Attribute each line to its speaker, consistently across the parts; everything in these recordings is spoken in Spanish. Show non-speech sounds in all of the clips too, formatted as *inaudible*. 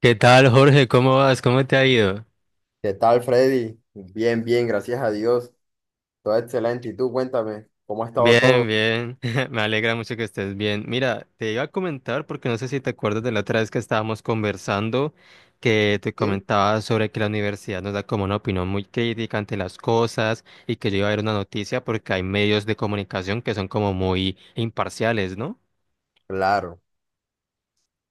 Speaker 1: ¿Qué tal, Jorge? ¿Cómo vas? ¿Cómo te ha ido?
Speaker 2: ¿Qué tal, Freddy? Bien, bien, gracias a Dios. Todo excelente. ¿Y tú, cuéntame, cómo ha estado
Speaker 1: Bien,
Speaker 2: todo?
Speaker 1: bien. *laughs* Me alegra mucho que estés bien. Mira, te iba a comentar porque no sé si te acuerdas de la otra vez que estábamos conversando, que te
Speaker 2: ¿Sí?
Speaker 1: comentaba sobre que la universidad nos da como una opinión muy crítica ante las cosas y que yo iba a ver una noticia porque hay medios de comunicación que son como muy imparciales, ¿no?
Speaker 2: Claro,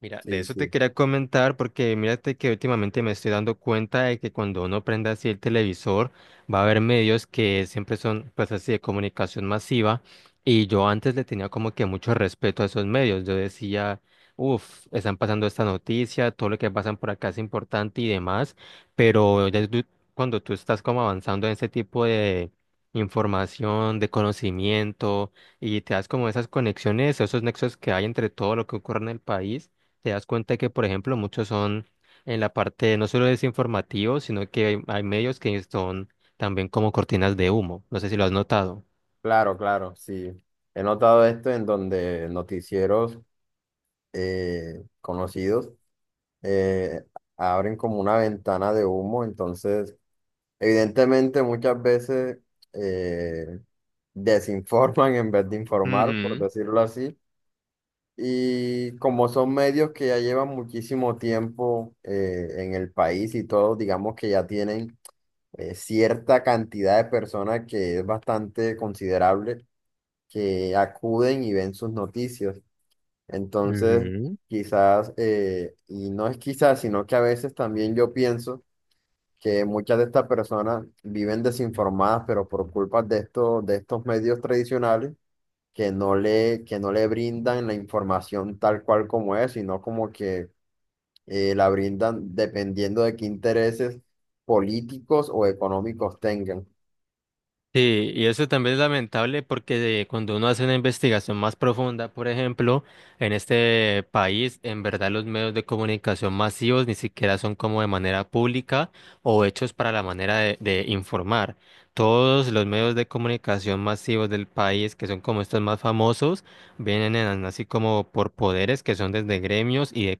Speaker 1: Mira, de
Speaker 2: sí,
Speaker 1: eso te
Speaker 2: sí.
Speaker 1: quería comentar porque mírate que últimamente me estoy dando cuenta de que cuando uno prende así el televisor va a haber medios que siempre son pues así de comunicación masiva y yo antes le tenía como que mucho respeto a esos medios. Yo decía, uff, están pasando esta noticia, todo lo que pasan por acá es importante y demás, pero cuando tú estás como avanzando en ese tipo de información, de conocimiento y te das como esas conexiones, esos nexos que hay entre todo lo que ocurre en el país. Te das cuenta que, por ejemplo, muchos son en la parte no solo desinformativo, sino que hay medios que son también como cortinas de humo. No sé si lo has notado.
Speaker 2: Claro, claro, sí. He notado esto en donde noticieros conocidos eh, abren como una ventana de humo. Entonces, evidentemente, muchas veces eh, desinforman en vez de informar, por
Speaker 1: Ujú.
Speaker 2: decirlo así. Y como son medios que ya llevan muchísimo tiempo en el país y todo, digamos que ya tienen cierta cantidad de personas que es bastante considerable que acuden y ven sus noticias. Entonces,
Speaker 1: Ujú.
Speaker 2: quizás, y no es quizás, sino que a veces también yo pienso que muchas de estas personas viven desinformadas, pero por culpa de estos medios tradicionales que no le brindan la información tal cual como es, sino como que la brindan dependiendo de qué intereses políticos o económicos tengan.
Speaker 1: Sí, y eso también es lamentable porque cuando uno hace una investigación más profunda, por ejemplo, en este país, en verdad los medios de comunicación masivos ni siquiera son como de manera pública o hechos para la manera de informar. Todos los medios de comunicación masivos del país, que son como estos más famosos, así como por poderes que son desde gremios y de,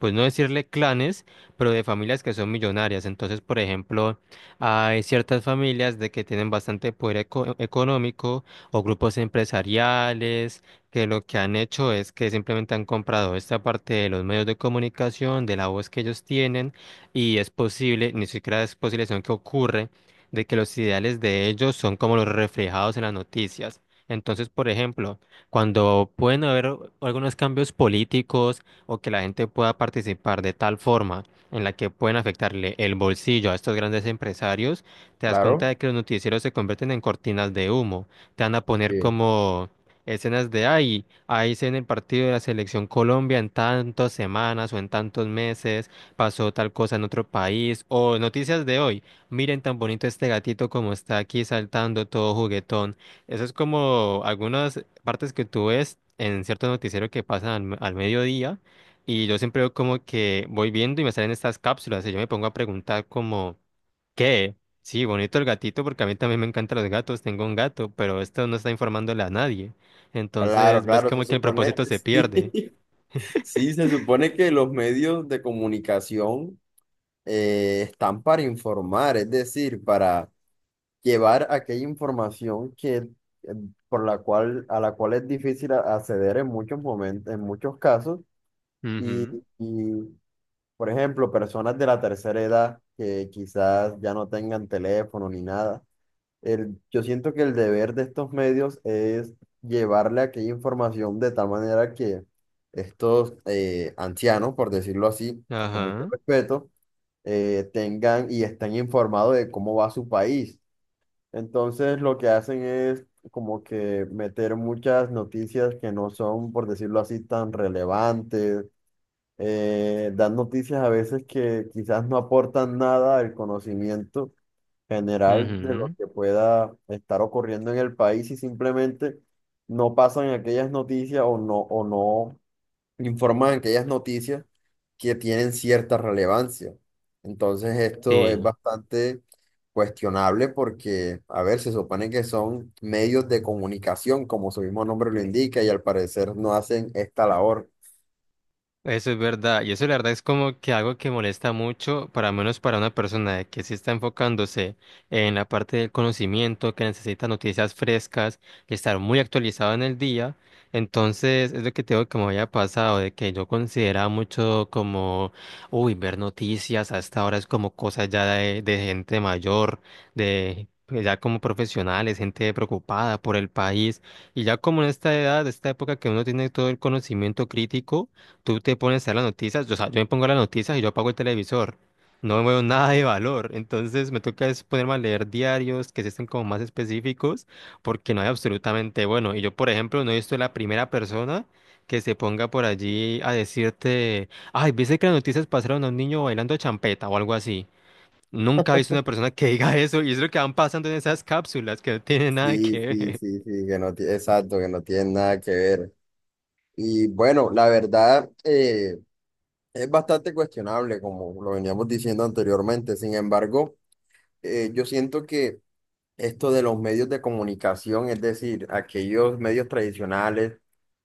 Speaker 1: pues no decirle clanes, pero de familias que son millonarias. Entonces, por ejemplo, hay ciertas familias de que tienen bastante poder económico o grupos empresariales que lo que han hecho es que simplemente han comprado esta parte de los medios de comunicación, de la voz que ellos tienen y es posible, ni siquiera es posible, sino que ocurre de que los ideales de ellos son como los reflejados en las noticias. Entonces, por ejemplo, cuando pueden haber algunos cambios políticos o que la gente pueda participar de tal forma en la que pueden afectarle el bolsillo a estos grandes empresarios, te das cuenta
Speaker 2: Claro,
Speaker 1: de que los noticieros se convierten en cortinas de humo. Te van a poner
Speaker 2: sí.
Speaker 1: como escenas de ahí, ahí se en el partido de la selección Colombia en tantas semanas o en tantos meses, pasó tal cosa en otro país, o noticias de hoy, miren tan bonito este gatito como está aquí saltando todo juguetón. Eso es como algunas partes que tú ves en cierto noticiero que pasan al mediodía y yo siempre veo como que voy viendo y me salen estas cápsulas y yo me pongo a preguntar como, ¿qué? Sí, bonito el gatito porque a mí también me encantan los gatos, tengo un gato, pero esto no está informándole a nadie.
Speaker 2: Claro,
Speaker 1: Entonces, ves
Speaker 2: claro, se
Speaker 1: como que el
Speaker 2: supone,
Speaker 1: propósito se
Speaker 2: *laughs* sí,
Speaker 1: pierde.
Speaker 2: sí, se supone que los medios de comunicación están para informar, es decir, para llevar aquella información que, por la cual, a la cual es difícil acceder en muchos momentos, en muchos casos, y,
Speaker 1: Ujú.
Speaker 2: por ejemplo, personas de la tercera edad que quizás ya no tengan teléfono ni nada. Yo siento que el deber de estos medios es llevarle aquella información de tal manera que estos ancianos, por decirlo así, con mucho
Speaker 1: Ajá.
Speaker 2: respeto, tengan y estén informados de cómo va su país. Entonces, lo que hacen es como que meter muchas noticias que no son, por decirlo así, tan relevantes. Dan noticias a veces que quizás no aportan nada al conocimiento general de lo
Speaker 1: Ujú.
Speaker 2: que pueda estar ocurriendo en el país y simplemente no pasan aquellas noticias o no informan aquellas noticias que tienen cierta relevancia. Entonces esto es
Speaker 1: Sí.
Speaker 2: bastante cuestionable porque, a ver, se supone que son medios de comunicación, como su mismo nombre lo indica, y al parecer no hacen esta labor.
Speaker 1: Eso es verdad, y eso la verdad es como que algo que molesta mucho, para menos para una persona de que sí está enfocándose en la parte del conocimiento, que necesita noticias frescas, que estar muy actualizado en el día. Entonces, es lo que tengo que me había pasado, de que yo consideraba mucho como, uy, ver noticias hasta ahora es como cosas ya de gente mayor, de pues, ya como profesionales, gente preocupada por el país. Y ya como en esta edad, esta época que uno tiene todo el conocimiento crítico, tú te pones a ver las noticias, yo, o sea, yo me pongo las noticias y yo apago el televisor. No veo *laughs* nada de valor. Entonces me toca es ponerme a leer diarios que sí estén como más específicos, porque no hay absolutamente bueno. Y yo, por ejemplo, no he visto la primera persona que se ponga por allí a decirte, ay, viste que las noticias pasaron a un niño bailando champeta o algo así. Nunca he visto una persona que *laughs* diga eso, y es lo que van pasando en esas cápsulas que no tienen nada
Speaker 2: Sí,
Speaker 1: que
Speaker 2: sí,
Speaker 1: ver.
Speaker 2: sí, sí, que no tiene, exacto, que no tiene nada que ver. Y bueno, la verdad, es bastante cuestionable, como lo veníamos diciendo anteriormente. Sin embargo, yo siento que esto de los medios de comunicación, es decir, aquellos medios tradicionales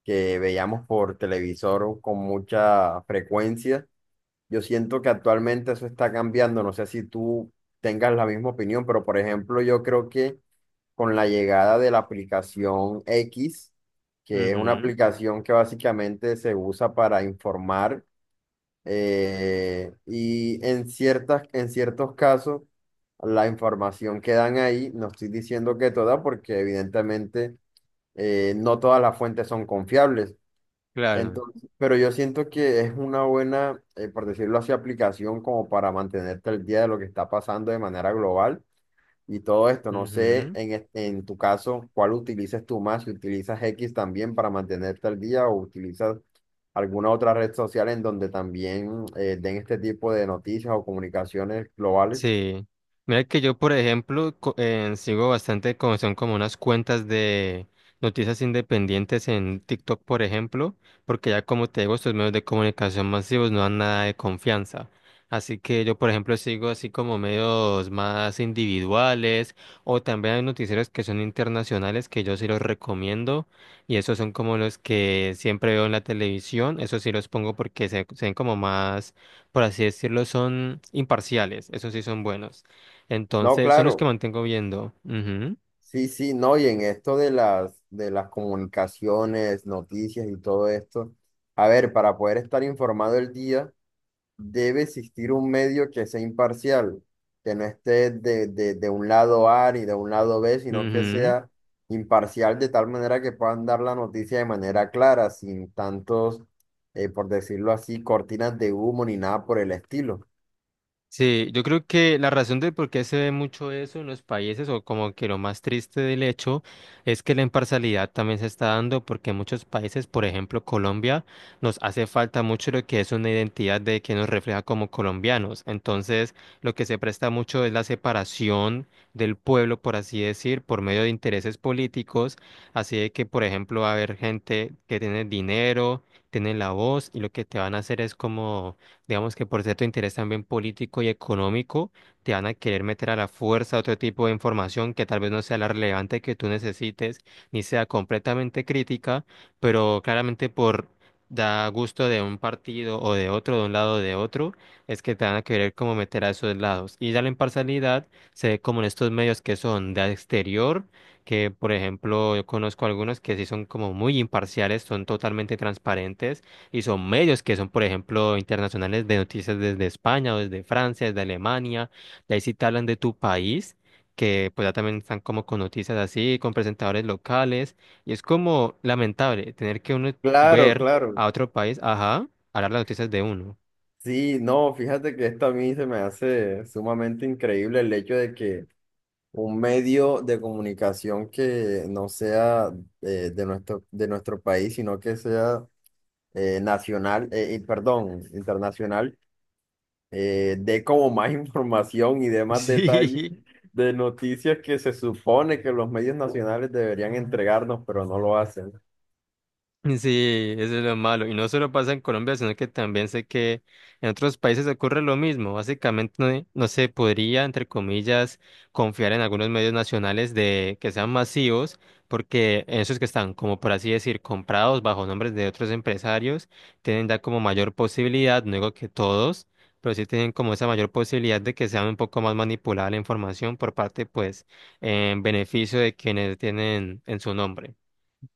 Speaker 2: que veíamos por televisor con mucha frecuencia, yo siento que actualmente eso está cambiando. No sé si tú tengas la misma opinión, pero por ejemplo, yo creo que con la llegada de la aplicación X, que es una
Speaker 1: Ujú,
Speaker 2: aplicación que básicamente se usa para informar, y en ciertos casos la información que dan ahí, no estoy diciendo que toda, porque evidentemente no todas las fuentes son confiables.
Speaker 1: claro.
Speaker 2: Entonces, pero yo siento que es una buena, por decirlo así, aplicación como para mantenerte al día de lo que está pasando de manera global y todo esto. No sé,
Speaker 1: Ujú.
Speaker 2: en tu caso, ¿cuál utilizas tú más? Si utilizas X también para mantenerte al día o utilizas alguna otra red social en donde también den este tipo de noticias o comunicaciones globales.
Speaker 1: Sí. Mira que yo, por ejemplo, sigo bastante como son como unas cuentas de noticias independientes en TikTok, por ejemplo, porque ya como te digo, estos medios de comunicación masivos no dan nada de confianza. Así que yo, por ejemplo, sigo así como medios más individuales o también hay noticieros que son internacionales que yo sí los recomiendo y esos son como los que siempre veo en la televisión. Esos sí los pongo porque se ven como más por así decirlo, son imparciales. Esos sí son buenos.
Speaker 2: No,
Speaker 1: Entonces, son los que
Speaker 2: claro,
Speaker 1: mantengo viendo. Ujú,
Speaker 2: sí, sí, no, y en esto de las comunicaciones, noticias y todo esto, a ver, para poder estar informado el día debe existir un medio que sea imparcial, que no esté de un lado A ni de un lado B, sino que
Speaker 1: ujú.
Speaker 2: sea imparcial de tal manera que puedan dar la noticia de manera clara, sin tantos, por decirlo así, cortinas de humo ni nada por el estilo.
Speaker 1: Sí, yo creo que la razón de por qué se ve mucho eso en los países, o como que lo más triste del hecho, es que la imparcialidad también se está dando porque en muchos países, por ejemplo Colombia, nos hace falta mucho lo que es una identidad de que nos refleja como colombianos. Entonces, lo que se presta mucho es la separación del pueblo, por así decir, por medio de intereses políticos. Así de que, por ejemplo, va a haber gente que tiene dinero, tiene la voz y lo que te van a hacer es como, digamos que por cierto interés también político y económico, te van a querer meter a la fuerza otro tipo de información que tal vez no sea la relevante que tú necesites, ni sea completamente crítica, pero claramente por da gusto de un partido o de otro, de un lado o de otro, es que te van a querer como meter a esos lados. Y ya la imparcialidad se ve como en estos medios que son de exterior, que por ejemplo yo conozco algunos que sí son como muy imparciales, son totalmente transparentes y son medios que son, por ejemplo, internacionales de noticias desde España o desde Francia, desde Alemania. Y ahí sí te hablan de tu país, que pues ya también están como con noticias así, con presentadores locales. Y es como lamentable tener que uno
Speaker 2: Claro,
Speaker 1: ver
Speaker 2: claro.
Speaker 1: a otro país, ajá, hablar las noticias de uno.
Speaker 2: Sí, no, fíjate que esto a mí se me hace sumamente increíble el hecho de que un medio de comunicación que no sea de nuestro país, sino que sea perdón, internacional, dé como más *laughs* información y dé
Speaker 1: *laughs*
Speaker 2: más detalles
Speaker 1: Sí,
Speaker 2: de noticias que se supone que los medios nacionales deberían entregarnos, pero no lo hacen.
Speaker 1: sí, eso es lo malo. Y no solo pasa en Colombia, sino que también sé que en otros países ocurre lo mismo. Básicamente no, no se podría, entre comillas, confiar en algunos medios nacionales de que sean masivos, porque esos que están, como por así decir, comprados bajo nombres de otros empresarios, tienen ya como mayor posibilidad, no digo que todos, pero sí tienen como esa mayor posibilidad de que sea un poco más manipulada la información por parte, pues, en beneficio de quienes tienen en su nombre.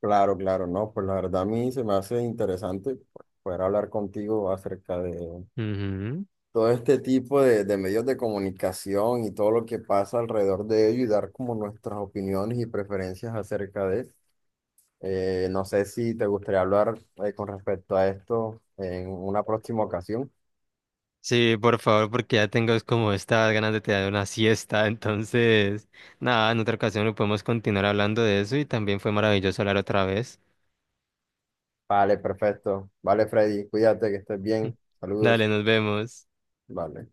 Speaker 2: Claro, claro, no, pues la verdad a mí se me hace interesante poder hablar contigo acerca de
Speaker 1: Ujú.
Speaker 2: todo este tipo de medios de comunicación y todo lo que pasa alrededor de ello y dar como nuestras opiniones y preferencias acerca de. No sé si te gustaría hablar con respecto a esto en una próxima ocasión.
Speaker 1: Sí, por favor, porque ya tengo es como estas ganas de tirar una siesta. *laughs* Entonces, nada, en otra ocasión lo podemos continuar hablando de eso y también fue maravilloso hablar otra vez.
Speaker 2: Vale, perfecto. Vale, Freddy, cuídate, que estés
Speaker 1: *laughs*
Speaker 2: bien.
Speaker 1: Dale,
Speaker 2: Saludos.
Speaker 1: nos vemos.
Speaker 2: Vale.